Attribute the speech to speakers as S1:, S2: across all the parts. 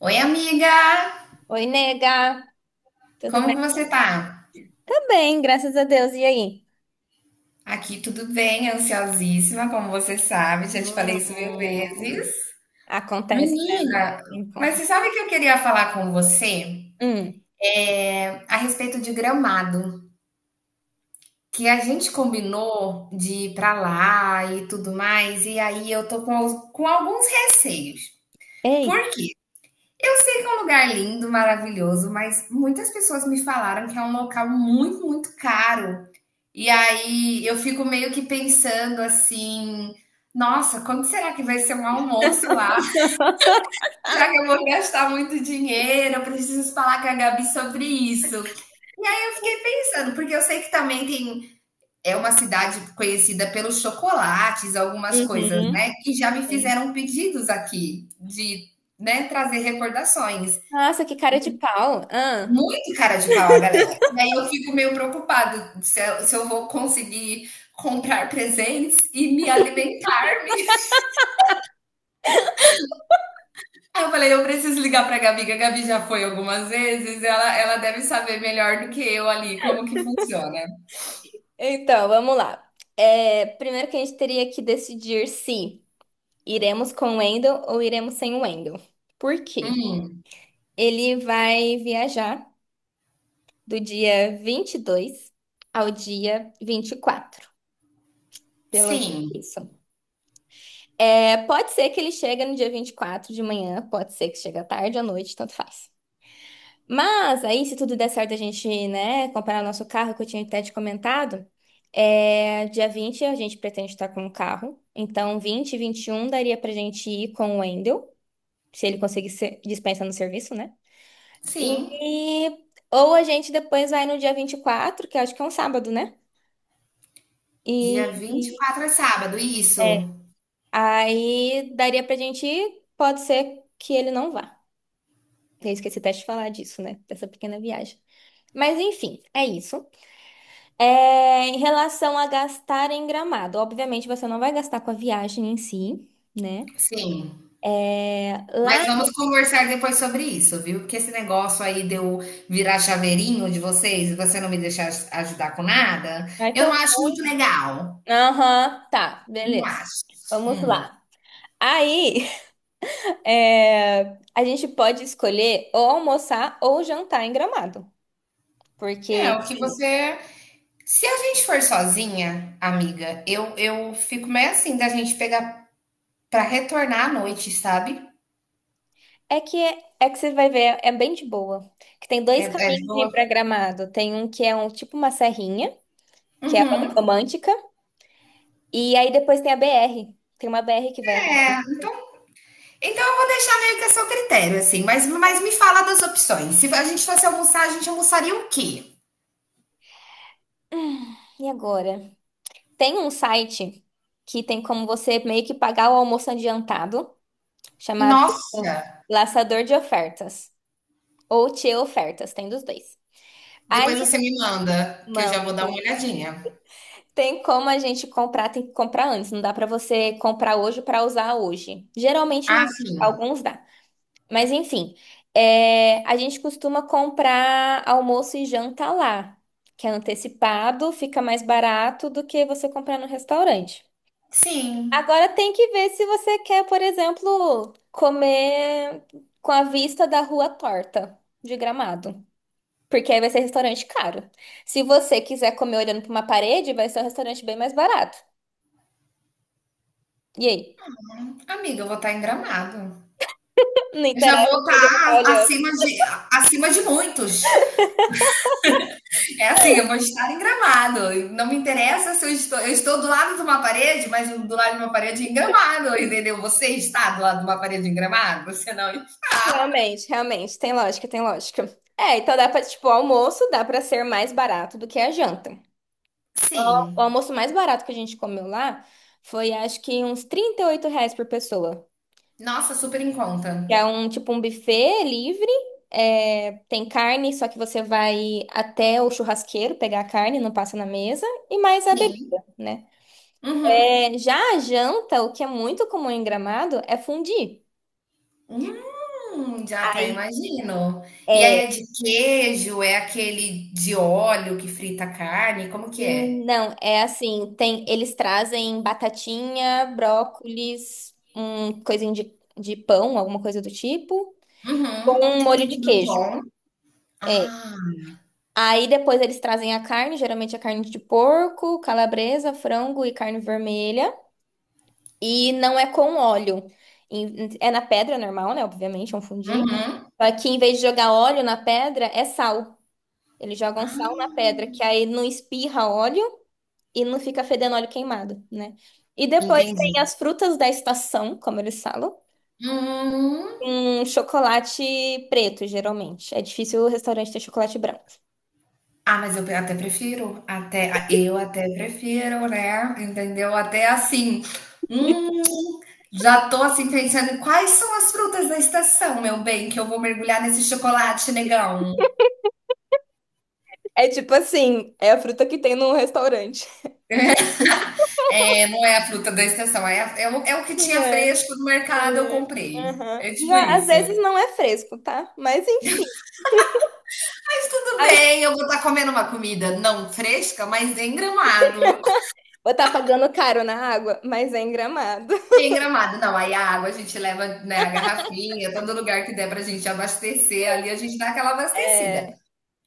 S1: Oi, amiga!
S2: Oi, nega, tudo
S1: Como que
S2: bem?
S1: você tá?
S2: Tá bem, graças a Deus. E aí?
S1: Aqui tudo bem, ansiosíssima, como você sabe, já te falei isso mil vezes.
S2: Hum. Acontece, né?
S1: Menina, mas
S2: Encontro.
S1: você sabe que eu queria falar com você
S2: Hum.
S1: a respeito de Gramado, que a gente combinou de ir pra lá e tudo mais, e aí eu tô com, com alguns receios. Por
S2: Ei.
S1: quê? Eu sei que é um lugar lindo, maravilhoso, mas muitas pessoas me falaram que é um local muito, muito caro. E aí eu fico meio que pensando assim: nossa, quando será que vai ser um almoço lá? Será que eu vou gastar muito dinheiro? Eu preciso falar com a Gabi sobre isso. Aí eu fiquei pensando, porque eu sei que também tem. É uma cidade conhecida pelos chocolates, algumas coisas,
S2: Uhum.
S1: né? Que já me
S2: Sim.
S1: fizeram pedidos aqui de, né, trazer recordações.
S2: Nossa, que cara de pau. Ah.
S1: Muito cara de pau a galera. E aí eu fico meio preocupada se eu vou conseguir comprar presentes e me alimentar-me. Aí eu falei, eu preciso ligar pra Gabi, que a Gabi já foi algumas vezes, ela deve saber melhor do que eu ali como que funciona.
S2: Então, vamos lá. É, primeiro que a gente teria que decidir se iremos com o Wendel ou iremos sem o Wendel. Por quê?
S1: Hum,
S2: Ele vai viajar do dia 22 ao dia 24, pelo
S1: sim,
S2: isso. É, pode ser que ele chegue no dia 24 de manhã, pode ser que chegue à tarde à noite, tanto faz. Mas aí, se tudo der certo, a gente, né, comprar o nosso carro, que eu tinha até te comentado, dia 20 a gente pretende estar com o carro. Então, 20 e 21 daria pra gente ir com o Wendel, se ele conseguir dispensa no serviço, né?
S1: sim.
S2: E, ou a gente depois vai no dia 24, que eu acho que é um sábado, né? E,
S1: Dia
S2: e-
S1: 24 é sábado,
S2: é,
S1: isso.
S2: Aí daria pra gente ir, pode ser que ele não vá. Eu esqueci até de falar disso, né? Dessa pequena viagem. Mas enfim, é isso. É, em relação a gastar em Gramado, obviamente você não vai gastar com a viagem em si, né?
S1: Sim.
S2: É, lá
S1: Mas vamos conversar depois sobre isso, viu? Porque esse negócio aí de eu virar chaveirinho de vocês e você não me deixar ajudar com nada,
S2: vai
S1: eu não
S2: pro-
S1: acho muito legal.
S2: Aham, tá,
S1: Não
S2: beleza.
S1: acho.
S2: Vamos
S1: Hum.
S2: lá. Aí, é, a gente pode escolher ou almoçar ou jantar em Gramado,
S1: É,
S2: porque
S1: o que você. Se a gente for sozinha, amiga, eu fico meio assim da gente pegar pra retornar à noite, sabe?
S2: é que é que você vai ver, é bem de boa. Que tem
S1: É,
S2: dois
S1: é de
S2: caminhos de
S1: boa.
S2: ir para Gramado. Tem um que é um tipo uma serrinha, que é a Rota
S1: Uhum.
S2: Romântica. E aí depois tem a BR. Tem uma BR que vai até.
S1: É, então, então eu vou deixar meio que a seu critério, assim, mas me fala das opções. Se a gente fosse almoçar, a gente almoçaria o quê?
S2: E agora? Tem um site que tem como você meio que pagar o almoço adiantado, chamado
S1: Nossa!
S2: Laçador de Ofertas. Ou Tio Ofertas, tem dos dois. Aí,
S1: Depois você me manda, que eu já
S2: mano,
S1: vou dar uma olhadinha.
S2: tem como a gente comprar, tem que comprar antes. Não dá pra você comprar hoje pra usar hoje. Geralmente
S1: Ah,
S2: não,
S1: sim.
S2: alguns dá. Mas enfim, a gente costuma comprar almoço e janta lá, que é antecipado, fica mais barato do que você comprar no restaurante.
S1: Sim.
S2: Agora tem que ver se você quer, por exemplo, comer com a vista da rua torta de Gramado, porque aí vai ser restaurante caro. Se você quiser comer olhando para uma parede, vai ser um restaurante bem mais barato. E aí?
S1: Amiga, eu vou estar em Gramado.
S2: Não
S1: Eu já
S2: interessa
S1: vou
S2: pra onde eu vou
S1: estar
S2: estar.
S1: acima de muitos. É assim, eu vou estar em Gramado. Não me interessa se eu estou, eu estou do lado de uma parede, mas do lado de uma parede em Gramado, entendeu? Você está do lado de uma parede em Gramado? Você não está.
S2: Realmente, realmente, tem lógica, tem lógica. É, então dá pra, tipo, o almoço dá pra ser mais barato do que a janta. O
S1: Sim.
S2: almoço mais barato que a gente comeu lá foi, acho que, uns R$ 38 por pessoa.
S1: Nossa, super em conta.
S2: Que é um, tipo, um buffet livre, tem carne, só que você vai até o churrasqueiro pegar a carne, não passa na mesa, e mais a
S1: Sim.
S2: bebida, né?
S1: Uhum.
S2: É, já a janta, o que é muito comum em Gramado, é fondue.
S1: Já até
S2: Aí
S1: imagino. E
S2: é,
S1: aí é de queijo? É aquele de óleo que frita a carne? Como que é?
S2: hum, não, é assim, tem, eles trazem batatinha, brócolis, um coisinho de pão, alguma coisa do tipo, com
S1: Uhum,
S2: um
S1: tipo
S2: molho de
S1: um
S2: queijo.
S1: crouton.
S2: É.
S1: Ah,
S2: Aí depois eles trazem a carne, geralmente a carne de porco, calabresa, frango e carne vermelha. E não é com óleo. É na pedra normal, né? Obviamente, é um fundi.
S1: uhum.
S2: Só que em vez de jogar óleo na pedra, é sal. Eles jogam sal
S1: Ah,
S2: na pedra, que aí não espirra óleo. E não fica fedendo óleo queimado, né? E depois tem
S1: entendi.
S2: as frutas da estação, como eles falam,
S1: Hum.
S2: um chocolate preto, geralmente. É difícil o restaurante ter chocolate branco.
S1: Ah, mas eu até prefiro, até eu até prefiro, né? Entendeu? Até assim. Hum, já tô assim pensando em quais são as frutas da estação, meu bem, que eu vou mergulhar nesse chocolate negão.
S2: É tipo assim, é a fruta que tem no restaurante. É tipo,
S1: É, não é a fruta da estação, é, é o que
S2: não
S1: tinha
S2: é,
S1: fresco no
S2: não
S1: mercado, eu
S2: é.
S1: comprei.
S2: Aham.
S1: É
S2: E
S1: tipo
S2: às
S1: isso.
S2: vezes não é fresco, tá? Mas enfim.
S1: Mas tudo
S2: Aí,
S1: bem, eu vou estar comendo uma comida não fresca, mas em Gramado.
S2: vou estar pagando caro na água, mas é em Gramado.
S1: Em Gramado, não, aí a água a gente leva, né, a garrafinha, todo lugar que der pra gente abastecer, ali a gente dá aquela abastecida.
S2: É.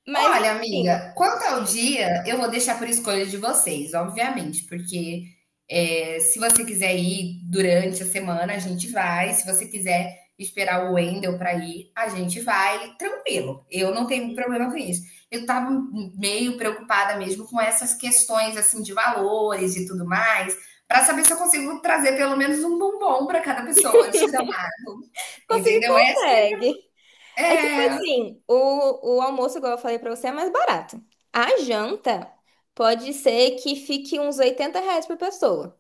S2: Mas
S1: Olha,
S2: enfim.
S1: amiga, quanto ao
S2: hum,
S1: dia, eu vou deixar por escolha de vocês, obviamente, porque é, se você quiser ir durante a semana, a gente vai. Se você quiser esperar o Wendel para ir, a gente vai. Tranquilo, eu não tenho problema com isso. Eu estava meio preocupada mesmo com essas questões assim de valores e tudo mais, para saber se eu consigo trazer pelo menos um bombom para cada pessoa de gramado,
S2: Consegui,
S1: entendeu?
S2: consegue. É tipo assim, o almoço, igual eu falei pra você, é mais barato. A janta pode ser que fique uns R$ 80 por pessoa.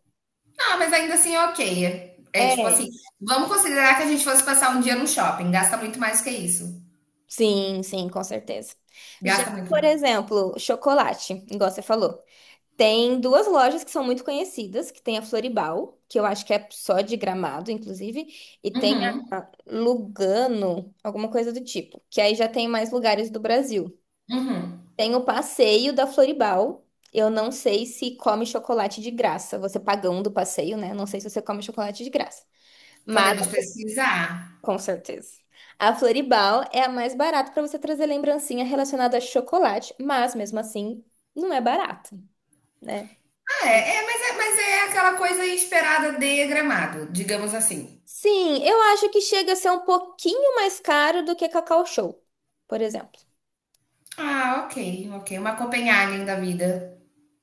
S1: Ah, mas ainda assim é ok. É tipo assim,
S2: É,
S1: vamos considerar que a gente fosse passar um dia no shopping. Gasta muito mais que isso.
S2: sim, sim, com certeza. Já,
S1: Gasta muito
S2: por
S1: mais.
S2: exemplo, chocolate, igual você falou. Tem duas lojas que são muito conhecidas, que tem a Floribal, que eu acho que é só de Gramado, inclusive, e tem
S1: Uhum,
S2: a Lugano, alguma coisa do tipo, que aí já tem mais lugares do Brasil.
S1: uhum.
S2: Tem o passeio da Floribal. Eu não sei se come chocolate de graça. Você pagando o passeio, né? Não sei se você come chocolate de graça. Mas,
S1: Podemos pesquisar.
S2: com certeza. A Floribal é a mais barata para você trazer lembrancinha relacionada a chocolate, mas mesmo assim, não é barato, né?
S1: Ah, é, mas é aquela coisa esperada de Gramado, digamos assim.
S2: Sim, eu acho que chega a ser um pouquinho mais caro do que Cacau Show, por exemplo.
S1: Ah, ok, ok. Uma Copenhagen da vida.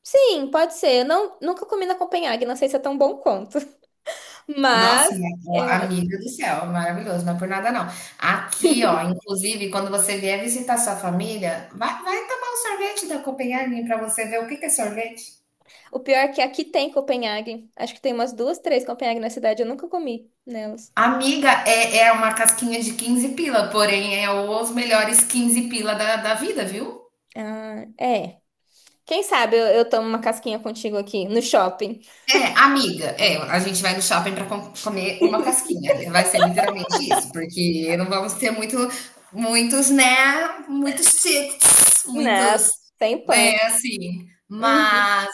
S2: Sim, pode ser. Eu não, nunca comi na Copenhague, não sei se é tão bom quanto.
S1: Nossa,
S2: Mas
S1: minha- ó,
S2: eu
S1: amiga do céu, maravilhoso, não é por nada não. Aqui, ó, inclusive, quando você vier visitar sua família, vai, vai tomar um sorvete da Copenhagen para você ver o que que é sorvete.
S2: O pior é que aqui tem Copenhague. Acho que tem umas duas, três Copenhague na cidade. Eu nunca comi nelas.
S1: Amiga, é, é uma casquinha de 15 pila, porém é os melhores 15 pila da, da vida, viu?
S2: Ah, é. Quem sabe eu tomo uma casquinha contigo aqui no shopping.
S1: É, amiga, é, a gente vai no shopping para comer uma casquinha. Né? Vai ser literalmente isso, porque não vamos ter muito, muitos, né? Muitos tips,
S2: Né?
S1: muitos,
S2: Sem
S1: né,
S2: pânico.
S1: assim.
S2: Uhum.
S1: Mas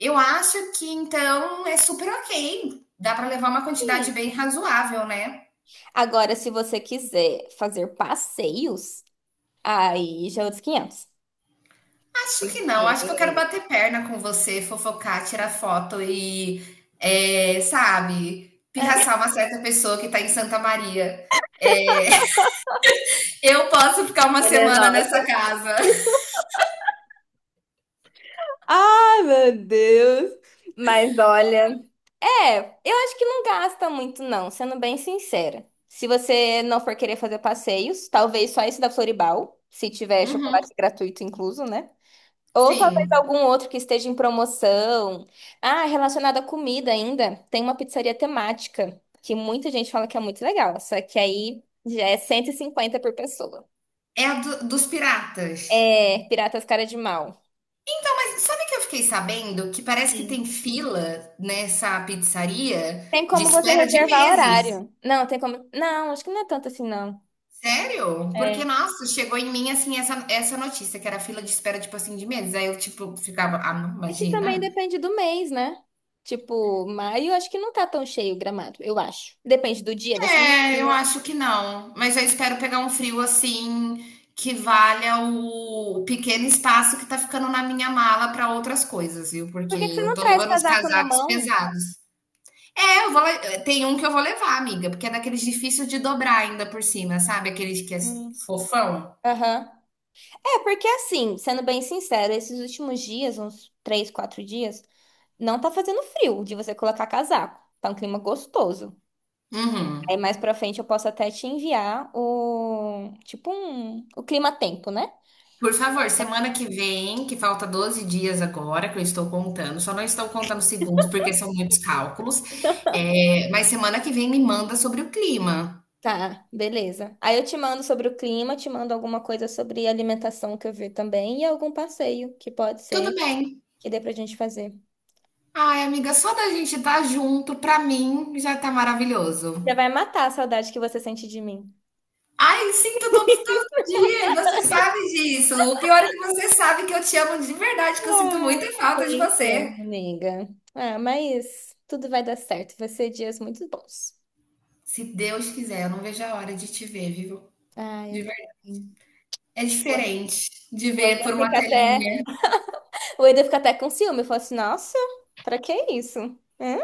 S1: eu acho que então é super ok. Dá para levar uma quantidade
S2: Sim.
S1: bem razoável, né?
S2: Agora, se você quiser fazer passeios, aí já é outros 500.
S1: Acho que não,
S2: Porque
S1: acho que eu quero bater perna com você, fofocar, tirar foto e, é, sabe, pirraçar uma certa pessoa que tá em Santa Maria. Eu posso ficar uma
S2: ela é
S1: semana nessa
S2: nossa.
S1: casa.
S2: Ai, meu Deus. Mas olha. É, eu acho que não gasta muito, não, sendo bem sincera. Se você não for querer fazer passeios, talvez só esse da Floribal, se tiver
S1: Uhum,
S2: chocolate gratuito incluso, né? Ou talvez
S1: sim.
S2: algum outro que esteja em promoção. Ah, relacionado à comida ainda, tem uma pizzaria temática, que muita gente fala que é muito legal, só que aí já é 150 por pessoa.
S1: É a dos piratas.
S2: É, Piratas Cara de Mal.
S1: Então, mas sabe que eu fiquei sabendo que parece que
S2: Sim.
S1: tem fila nessa pizzaria
S2: Tem
S1: de
S2: como você
S1: espera de
S2: reservar
S1: meses.
S2: horário. Não, tem como. Não, acho que não é tanto assim, não.
S1: Sério? Porque,
S2: É,
S1: nossa, chegou em mim assim essa, notícia, que era fila de espera, tipo assim, de meses. Aí eu, tipo, ficava, ah, não,
S2: Que também
S1: imagina.
S2: depende do mês, né? Tipo, maio acho que não tá tão cheio o Gramado, eu acho. Depende do dia da semana.
S1: É, eu acho que não. Mas eu espero pegar um frio assim que valha o pequeno espaço que tá ficando na minha mala para outras coisas, viu?
S2: Por
S1: Porque
S2: que que você
S1: eu
S2: não
S1: tô
S2: traz
S1: levando uns
S2: casaco na
S1: casacos
S2: mão?
S1: pesados. É, tem um que eu vou levar, amiga, porque é daqueles difícil de dobrar ainda por cima, sabe? Aqueles que é
S2: Hum.
S1: fofão.
S2: Aham. É, porque assim, sendo bem sincera, esses últimos dias, uns 3, 4 dias, não tá fazendo frio de você colocar casaco. Tá um clima gostoso. Aí
S1: Uhum.
S2: mais pra frente eu posso até te enviar o, tipo um, o clima-tempo, né?
S1: Por favor, semana que vem, que falta 12 dias agora, que eu estou contando, só não estou contando segundos porque são muitos cálculos, é, mas semana que vem me manda sobre o clima.
S2: Tá, beleza. Aí eu te mando sobre o clima, te mando alguma coisa sobre alimentação que eu vi também e algum passeio que pode
S1: Tudo
S2: ser
S1: bem.
S2: que dê pra gente fazer.
S1: Ai, amiga, só da gente estar junto, pra mim, já tá
S2: Já
S1: maravilhoso.
S2: vai matar a saudade que você sente de mim.
S1: Ai, sinto todo, todo dia, e você sabe disso. O pior é que você sabe que eu te amo de verdade, que eu sinto
S2: Ah,
S1: muita falta de
S2: eu te
S1: você.
S2: amo, nega. Ah, mas tudo vai dar certo. Vai ser dias muito bons.
S1: Se Deus quiser, eu não vejo a hora de te ver, viu?
S2: Ah,
S1: De
S2: eu
S1: verdade.
S2: também.
S1: É diferente de
S2: O
S1: ver
S2: Eda
S1: por uma
S2: fica até,
S1: telinha.
S2: o Eda fica até com ciúme. Eu falo assim, nossa, pra que isso? Hum,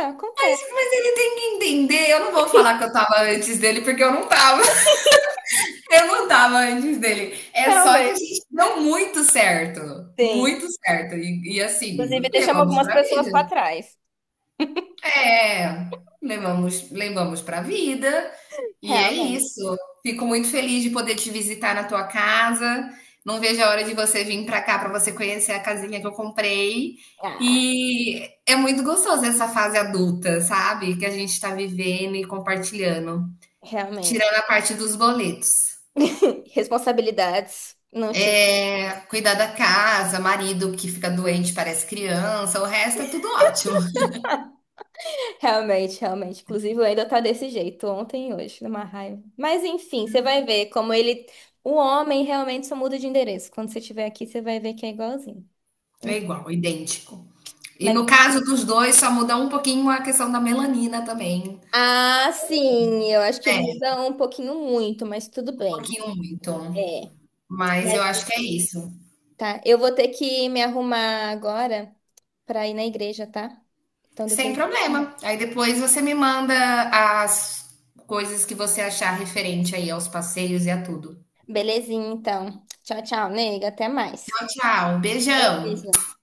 S1: Mas,
S2: Acontece.
S1: mas ele tem que entender. Eu não vou falar que eu tava antes dele, porque eu não tava. Eu não tava antes dele. É só que a
S2: Realmente.
S1: gente deu muito certo.
S2: Sim.
S1: Muito certo. E assim,
S2: Inclusive, deixamos
S1: levamos
S2: algumas
S1: pra
S2: pessoas pra
S1: vida.
S2: trás.
S1: É, levamos pra vida. E é
S2: Realmente.
S1: isso. Fico muito feliz de poder te visitar na tua casa. Não vejo a hora de você vir pra cá pra você conhecer a casinha que eu comprei.
S2: Ah,
S1: E é muito gostoso essa fase adulta, sabe? Que a gente tá vivendo e compartilhando. Tirando a
S2: realmente.
S1: parte dos boletos.
S2: Responsabilidades. Não tinha.
S1: É, cuidar da casa, marido que fica doente, parece criança, o resto é tudo ótimo.
S2: Realmente, realmente. Inclusive, o ainda tá desse jeito, ontem e hoje, numa raiva. Mas enfim, você vai ver como ele. O homem realmente só muda de endereço. Quando você estiver aqui, você vai ver que é igualzinho.
S1: É
S2: Ent-
S1: igual, idêntico. E
S2: Mas.
S1: no caso dos dois, só muda um pouquinho a questão da melanina também,
S2: Ah, sim, eu acho que
S1: né?
S2: muda um pouquinho muito, mas tudo
S1: Um
S2: bem.
S1: pouquinho muito.
S2: É.
S1: Mas eu
S2: Mas
S1: acho que é isso.
S2: tá. Eu vou ter que me arrumar agora pra ir na igreja, tá? Então
S1: Sem
S2: depois.
S1: problema. Aí depois você me manda as coisas que você achar referente aí aos passeios e a tudo.
S2: Belezinha, então. Tchau, tchau, nega. Até mais.
S1: Tchau, tchau.
S2: É
S1: Beijão.
S2: isso.